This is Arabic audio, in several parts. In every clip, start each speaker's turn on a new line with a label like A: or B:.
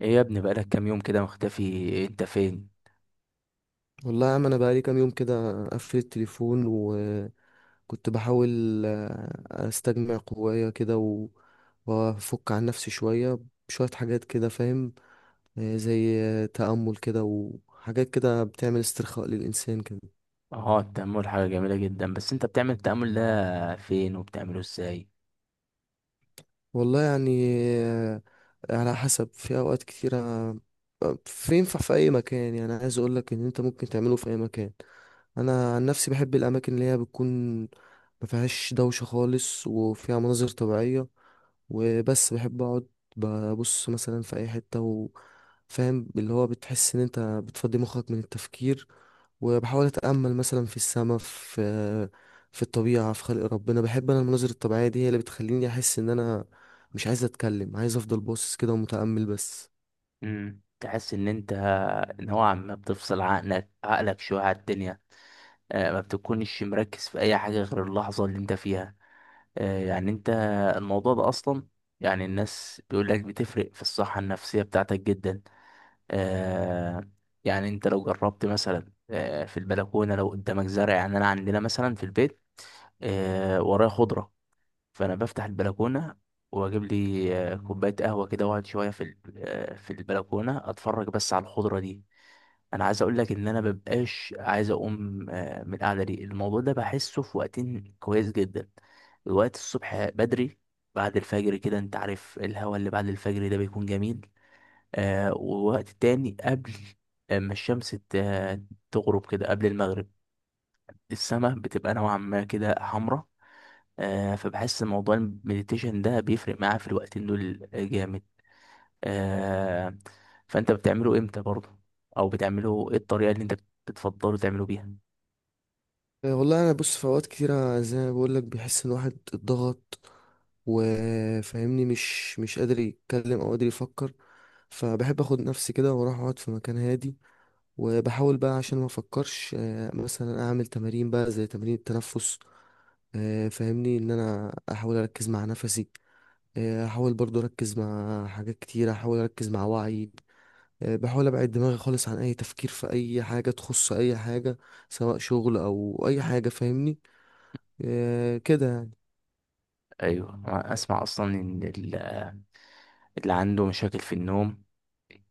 A: ايه يا ابني، بقالك كام يوم كده مختفي، انت فين؟
B: والله يا عم، انا بقالي كام يوم كده قفل التليفون وكنت بحاول استجمع قوايا كده وافك عن نفسي شويه بشويه حاجات كده، فاهم؟ زي تامل كده وحاجات كده بتعمل استرخاء للانسان كده.
A: اه التأمل حاجة جميلة جدا، بس انت بتعمل التأمل ده فين وبتعمله ازاي؟
B: والله يعني آه، على حسب. في اوقات كتيره في ينفع في اي مكان. يعني عايز اقولك ان انت ممكن تعمله في اي مكان. انا عن نفسي بحب الاماكن اللي هي بتكون ما فيهاش دوشه خالص وفيها مناظر طبيعيه، وبس بحب اقعد ببص مثلا في اي حته، وفاهم اللي هو بتحس ان انت بتفضي مخك من التفكير. وبحاول اتامل مثلا في السماء، في الطبيعه، في خلق ربنا. بحب انا المناظر الطبيعيه دي، هي اللي بتخليني احس ان انا مش عايز اتكلم، عايز افضل باصص كده ومتامل بس.
A: تحس ان انت نوعا ما بتفصل عقلك شوية على الدنيا. ما بتكونش مركز في اي حاجة غير اللحظة اللي انت فيها. آه يعني انت الموضوع ده اصلا، يعني الناس بيقول لك بتفرق في الصحة النفسية بتاعتك جدا. آه يعني انت لو جربت مثلا في البلكونة، لو قدامك زرع، يعني انا عندنا مثلا في البيت، ورايا خضرة، فانا بفتح البلكونه، واجيب لي كوبايه قهوه كده، واقعد شويه في في البلكونه اتفرج بس على الخضره دي. انا عايز اقول لك ان انا مبقاش عايز اقوم من القعده دي. الموضوع ده بحسه في وقتين كويس جدا: الوقت الصبح بدري، بعد الفجر كده، انت عارف الهوا اللي بعد الفجر ده بيكون جميل. ووقت تاني، قبل اما الشمس تغرب كده، قبل المغرب، السماء بتبقى نوعا ما كده حمراء. فبحس إن موضوع المديتيشن ده بيفرق معاه في الوقتين دول جامد. آه فانت بتعمله امتى برضه؟ او بتعمله ايه الطريقة اللي انت بتفضله تعمله بيها؟
B: والله انا بص، في اوقات كتيره زي ما بقول لك بيحس ان واحد اتضغط وفاهمني مش قادر يتكلم او قادر يفكر، فبحب اخد نفسي كده واروح اقعد في مكان هادي. وبحاول بقى عشان ما افكرش، مثلا اعمل تمارين بقى زي تمارين التنفس. فاهمني ان انا احاول اركز مع نفسي. احاول برضو اركز مع حاجات كتيره، احاول اركز مع وعي. بحاول ابعد دماغي خالص عن اي تفكير في اي حاجه تخص اي حاجه، سواء شغل او اي حاجه فاهمني. إيه كده يعني.
A: ايوه، أنا اسمع اصلا ان اللي عنده مشاكل في النوم،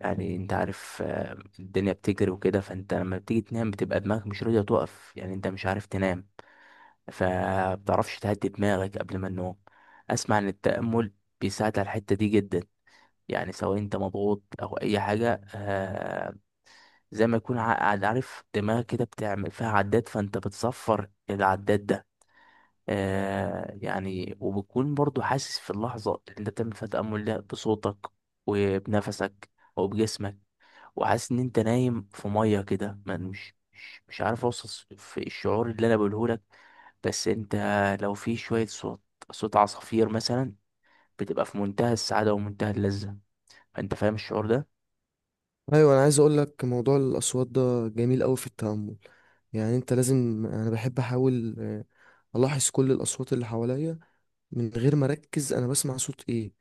A: يعني انت عارف، الدنيا بتجري وكده، فانت لما بتيجي تنام بتبقى دماغك مش راضية تقف، يعني انت مش عارف تنام، فبتعرفش تهدي دماغك قبل ما النوم. اسمع ان التأمل بيساعد على الحتة دي جدا. يعني سواء انت مضغوط او اي حاجه، زي ما يكون عارف دماغك كده بتعمل فيها عداد، فانت بتصفر العداد ده. يعني وبتكون برضو حاسس في اللحظه اللي انت بتعمل فيها تامل ده، بصوتك، وبنفسك، وبجسمك، وحاسس ان انت نايم في ميه كده، مش عارف اوصف في الشعور اللي انا بقوله لك. بس انت لو في شويه صوت، صوت عصافير مثلا، بتبقى في منتهى السعاده ومنتهى اللذه. فانت فاهم الشعور ده؟
B: ايوه، انا عايز اقول لك موضوع الاصوات ده جميل قوي في التامل. يعني انت لازم، انا بحب احاول الاحظ كل الاصوات اللي حواليا من غير ما اركز انا بسمع صوت ايه.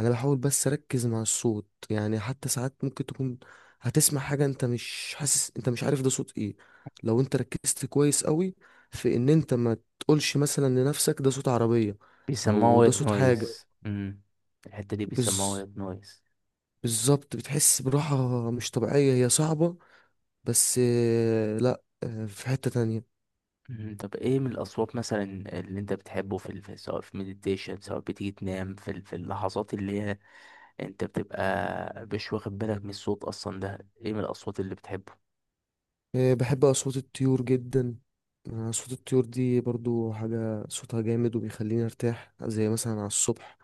B: انا بحاول بس اركز مع الصوت، يعني حتى ساعات ممكن تكون هتسمع حاجه انت مش حاسس، انت مش عارف ده صوت ايه. لو انت ركزت كويس قوي في ان انت ما تقولش مثلا لنفسك ده صوت عربيه
A: بيسموها
B: او ده
A: وايت
B: صوت حاجه.
A: نويز. الحتة دي بيسموها
B: بز...
A: وايت نويز.
B: بالظبط، بتحس براحه مش طبيعيه، هي صعبه. بس لا، في حتة تانية.
A: مم. طب ايه من الاصوات مثلا اللي انت بتحبه سواء في مديتيشن، سواء بتيجي تنام في اللحظات اللي هي انت بتبقى مش واخد بالك من الصوت اصلا، ده ايه من الاصوات اللي بتحبه؟
B: بحب أصوات الطيور جدا. أصوات الطيور دي برضو حاجة صوتها جامد وبيخليني أرتاح، زي مثلا على الصبح.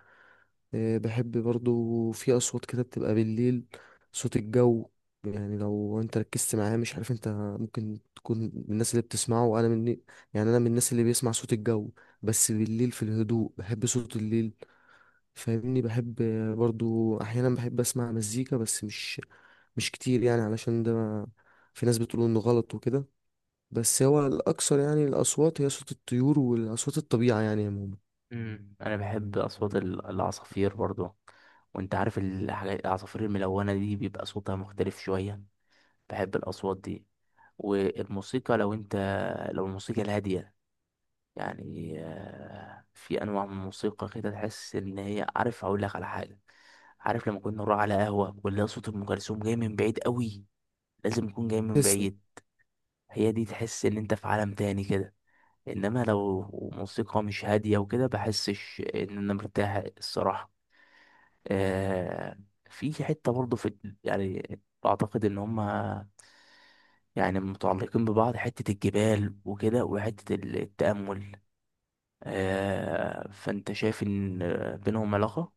B: بحب برضو في أصوات كده بتبقى بالليل، صوت الجو. يعني لو انت ركزت معاه، مش عارف انت ممكن تكون من الناس اللي بتسمعه، وانا من، يعني انا من الناس اللي بيسمع صوت الجو. بس بالليل في الهدوء، بحب صوت الليل فاهمني. بحب برضو احيانا بحب اسمع مزيكا، بس مش كتير يعني، علشان ده في ناس بتقول انه غلط وكده. بس هو الاكثر يعني الاصوات هي صوت الطيور واصوات الطبيعه يعني عموما.
A: مم. انا بحب اصوات العصافير برضو. وانت عارف الحاجات العصافير الملونة دي بيبقى صوتها مختلف شوية، بحب الاصوات دي. والموسيقى لو انت، لو الموسيقى الهادية، يعني في انواع من الموسيقى كده تحس ان هي، عارف اقول لك على حاجه، عارف لما كنا نروح على قهوه ولا صوت ام كلثوم جاي من بعيد قوي، لازم يكون جاي من
B: تسلم.
A: بعيد، هي دي تحس ان انت في عالم تاني كده. انما لو موسيقى مش هاديه وكده بحسش ان انا مرتاح الصراحه. آه في حته برضه، يعني اعتقد ان هما يعني متعلقين ببعض، حته الجبال وكده وحته التامل. فانت شايف ان، بينهم علاقة،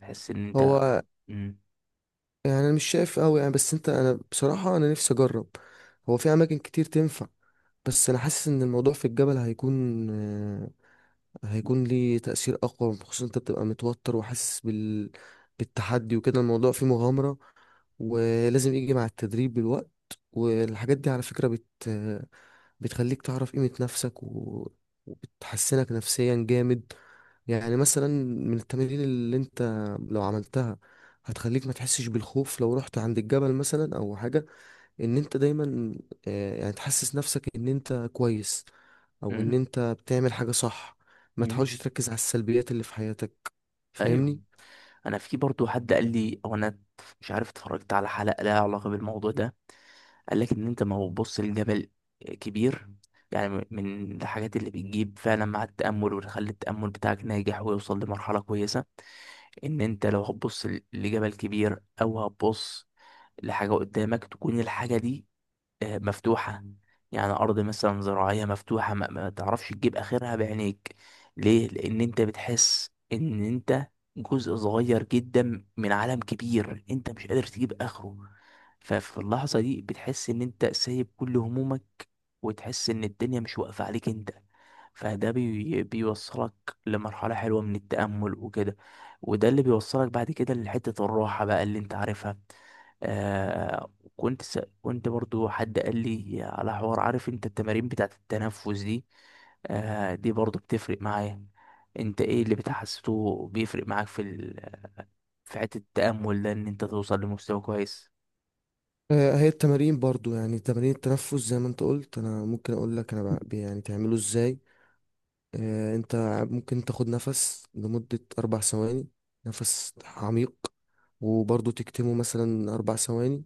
A: تحس ان انت...
B: هو
A: مم.
B: يعني انا مش شايف قوي يعني، بس انت، انا بصراحه انا نفسي اجرب. هو في اماكن كتير تنفع، بس انا حاسس ان الموضوع في الجبل هيكون ليه تأثير أقوى، خصوصا أنت بتبقى متوتر وحاسس بالتحدي وكده. الموضوع فيه مغامرة، ولازم يجي مع التدريب بالوقت. والحاجات دي على فكرة بتخليك تعرف قيمة نفسك وبتحسنك نفسيا جامد. يعني مثلا من التمارين اللي أنت لو عملتها هتخليك ما تحسش بالخوف لو رحت عند الجبل مثلا أو حاجة. ان انت دايما يعني تحسس نفسك ان انت كويس او ان
A: مم.
B: انت بتعمل حاجة صح. ما
A: مم.
B: تحاولش تركز على السلبيات اللي في حياتك،
A: ايوه،
B: فاهمني.
A: انا في برضو حد قال لي، او انا مش عارف، اتفرجت على حلقة لها علاقة بالموضوع ده، قال لك ان انت ما بتبص لجبل كبير، يعني من الحاجات اللي بتجيب فعلا مع التأمل وتخلي التأمل بتاعك ناجح ويوصل لمرحلة كويسة، ان انت لو هتبص لجبل كبير، او هتبص لحاجة قدامك تكون الحاجة دي مفتوحة، يعني أرض مثلا زراعية مفتوحة، ما تعرفش تجيب آخرها بعينيك. ليه؟ لأن أنت بتحس إن أنت جزء صغير جدا من عالم كبير، أنت مش قادر تجيب آخره. ففي اللحظة دي بتحس إن أنت سايب كل همومك، وتحس إن الدنيا مش واقفة عليك أنت. فده بيوصلك لمرحلة حلوة من التأمل وكده، وده اللي بيوصلك بعد كده لحتة الراحة بقى اللي أنت عارفها. آه كنت كنت برضو حد قال لي على حوار، عارف انت التمارين بتاعت التنفس دي، دي برضو بتفرق معايا. انت ايه اللي بتحسسه بيفرق معاك في حتة التأمل ده، ان انت توصل لمستوى كويس؟
B: هي التمارين برضو يعني تمارين التنفس زي ما انت قلت. انا ممكن اقول لك، انا يعني تعمله ازاي. انت ممكن تاخد نفس لمدة 4 ثواني، نفس عميق، وبرضو تكتمه مثلا 4 ثواني،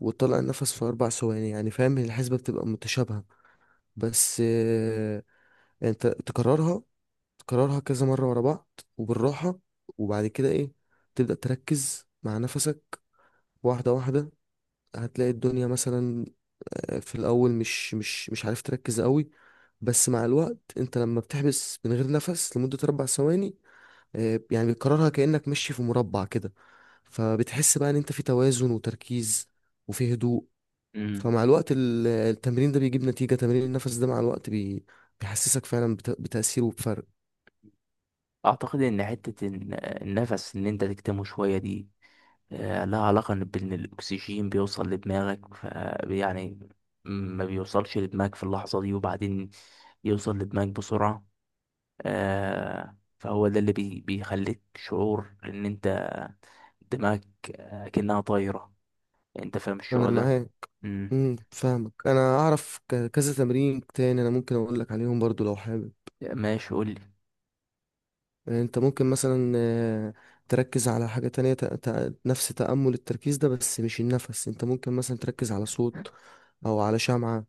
B: وتطلع النفس في 4 ثواني. يعني فاهم الحسبة بتبقى متشابهة. بس انت تكررها، تكررها كذا مرة ورا بعض وبالراحة. وبعد كده ايه، تبدأ تركز مع نفسك واحدة واحدة. هتلاقي الدنيا مثلا، في الأول مش عارف تركز قوي. بس مع الوقت، انت لما بتحبس من غير نفس لمدة 4 ثواني، يعني بتكررها كأنك ماشي في مربع كده، فبتحس بقى ان انت في توازن وتركيز وفي هدوء.
A: امم
B: فمع الوقت التمرين ده بيجيب نتيجة. تمرين النفس ده مع الوقت بيحسسك فعلا بتأثير وبفرق.
A: اعتقد ان حتة النفس، ان انت تكتمه شوية دي، لها علاقة إن بان الاكسجين بيوصل لدماغك، يعني ما بيوصلش لدماغك في اللحظة دي، وبعدين يوصل لدماغك بسرعة. فهو ده اللي بيخليك شعور ان انت، دماغك كأنها طايرة. انت فاهم
B: أنا
A: الشعور ده؟
B: معاك.
A: امم
B: امم، فاهمك. انا اعرف كذا تمرين تاني، انا ممكن اقول لك عليهم برضو لو حابب.
A: ماشي، قول لي.
B: يعني انت ممكن مثلا تركز على حاجة تانية. نفس تأمل التركيز ده، بس مش النفس. انت ممكن مثلا تركز على صوت او على شمعة.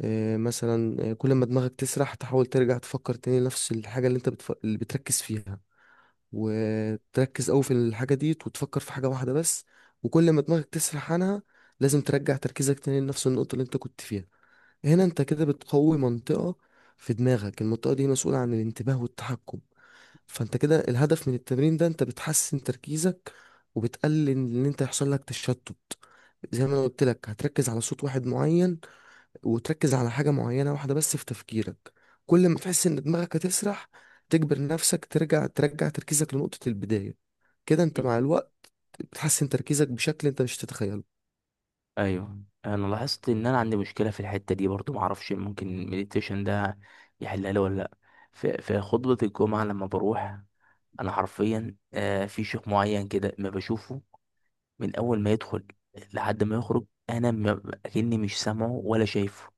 B: مثلا، كل ما دماغك تسرح تحاول ترجع تفكر تاني نفس الحاجة اللي انت اللي بتركز فيها. وتركز قوي في الحاجة دي، وتفكر في حاجة واحدة بس. وكل ما دماغك تسرح عنها، لازم ترجع تركيزك تاني لنفس النقطة اللي انت كنت فيها. هنا انت كده بتقوي منطقة في دماغك، المنطقة دي مسؤولة عن الانتباه والتحكم. فانت كده الهدف من التمرين ده انت بتحسن تركيزك، وبتقلل ان انت يحصل لك تشتت. زي ما انا قلت لك، هتركز على صوت واحد معين، وتركز على حاجة معينة واحدة بس في تفكيرك. كل ما تحس ان دماغك هتسرح، تجبر نفسك ترجع تركيزك لنقطة البداية. كده انت
A: مم.
B: مع الوقت بتحسن تركيزك بشكل انت مش تتخيله.
A: ايوه، انا لاحظت ان انا عندي مشكله في الحته دي برضو، معرفش ممكن المديتيشن ده يحلها لي ولا لا. في خطبه الجمعه لما بروح انا حرفيا، في شيخ معين كده ما بشوفه من اول ما يدخل لحد ما يخرج، انا اكني مش سامعه ولا شايفه.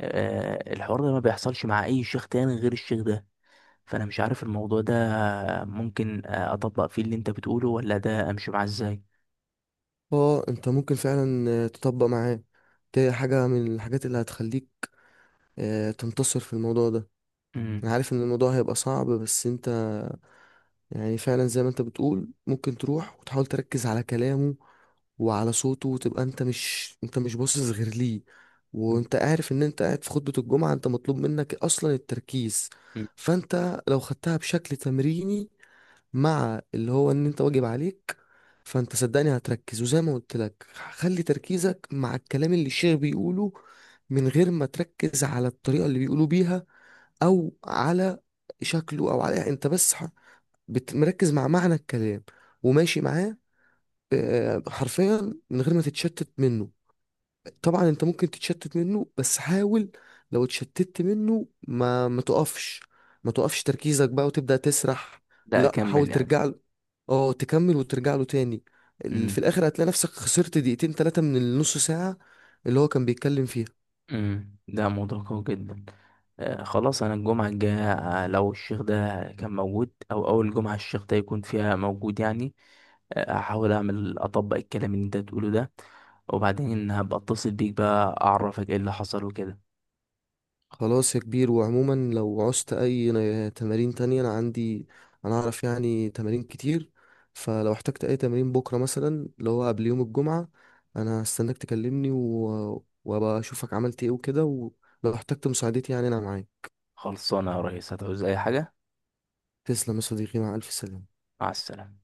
A: الحوار ده ما بيحصلش مع اي شيخ تاني غير الشيخ ده. فانا مش عارف الموضوع ده، ممكن اطبق فيه اللي انت بتقوله، ولا ده امشي معاه ازاي؟
B: اه، انت ممكن فعلا تطبق معاه. دي حاجة من الحاجات اللي هتخليك تنتصر في الموضوع ده. انا
A: امم.
B: عارف ان الموضوع هيبقى صعب، بس انت يعني فعلا زي ما انت بتقول ممكن تروح وتحاول تركز على كلامه وعلى صوته، وتبقى انت مش باصص غير ليه. وانت عارف ان انت قاعد في خطبة الجمعة، انت مطلوب منك اصلا التركيز.
A: أمم.
B: فانت لو خدتها بشكل تمريني، مع اللي هو ان انت واجب عليك، فانت صدقني هتركز. وزي ما قلت لك، خلي تركيزك مع الكلام اللي الشيخ بيقوله، من غير ما تركز على الطريقة اللي بيقولوا بيها، او على شكله، او على، يعني انت بس مركز مع معنى الكلام وماشي معاه. حرفيا من غير ما تتشتت منه. طبعا انت ممكن تتشتت منه، بس حاول. لو اتشتتت منه، ما تقفش، ما تقفش تركيزك بقى وتبدأ تسرح.
A: لا،
B: لا، حاول
A: اكمل يعني.
B: ترجع له. اه، تكمل وترجع له تاني. في
A: امم.
B: الاخر هتلاقي نفسك خسرت دقيقتين ثلاثة من النص ساعة اللي هو كان بيتكلم فيها.
A: امم. ده موضوع قوي جدا. خلاص، انا الجمعه الجايه، لو الشيخ ده كان موجود او اول جمعه الشيخ ده يكون فيها موجود يعني، هحاول اطبق الكلام اللي انت بتقوله ده، وبعدين هبقى اتصل بيك بقى اعرفك ايه اللي حصل وكده.
B: خلاص يا كبير، وعموما لو عوزت اي تمارين تانية انا عندي. انا اعرف يعني تمارين كتير. فلو احتجت اي تمارين بكرة مثلا اللي هو قبل يوم الجمعة، انا هستناك تكلمني، وابقى اشوفك عملت ايه وكده. ولو احتجت مساعدتي، يعني انا معاك.
A: خلصانه يا ريس، هتعوز اي حاجه.
B: تسلم يا صديقي، مع الف سلامة.
A: مع السلامة.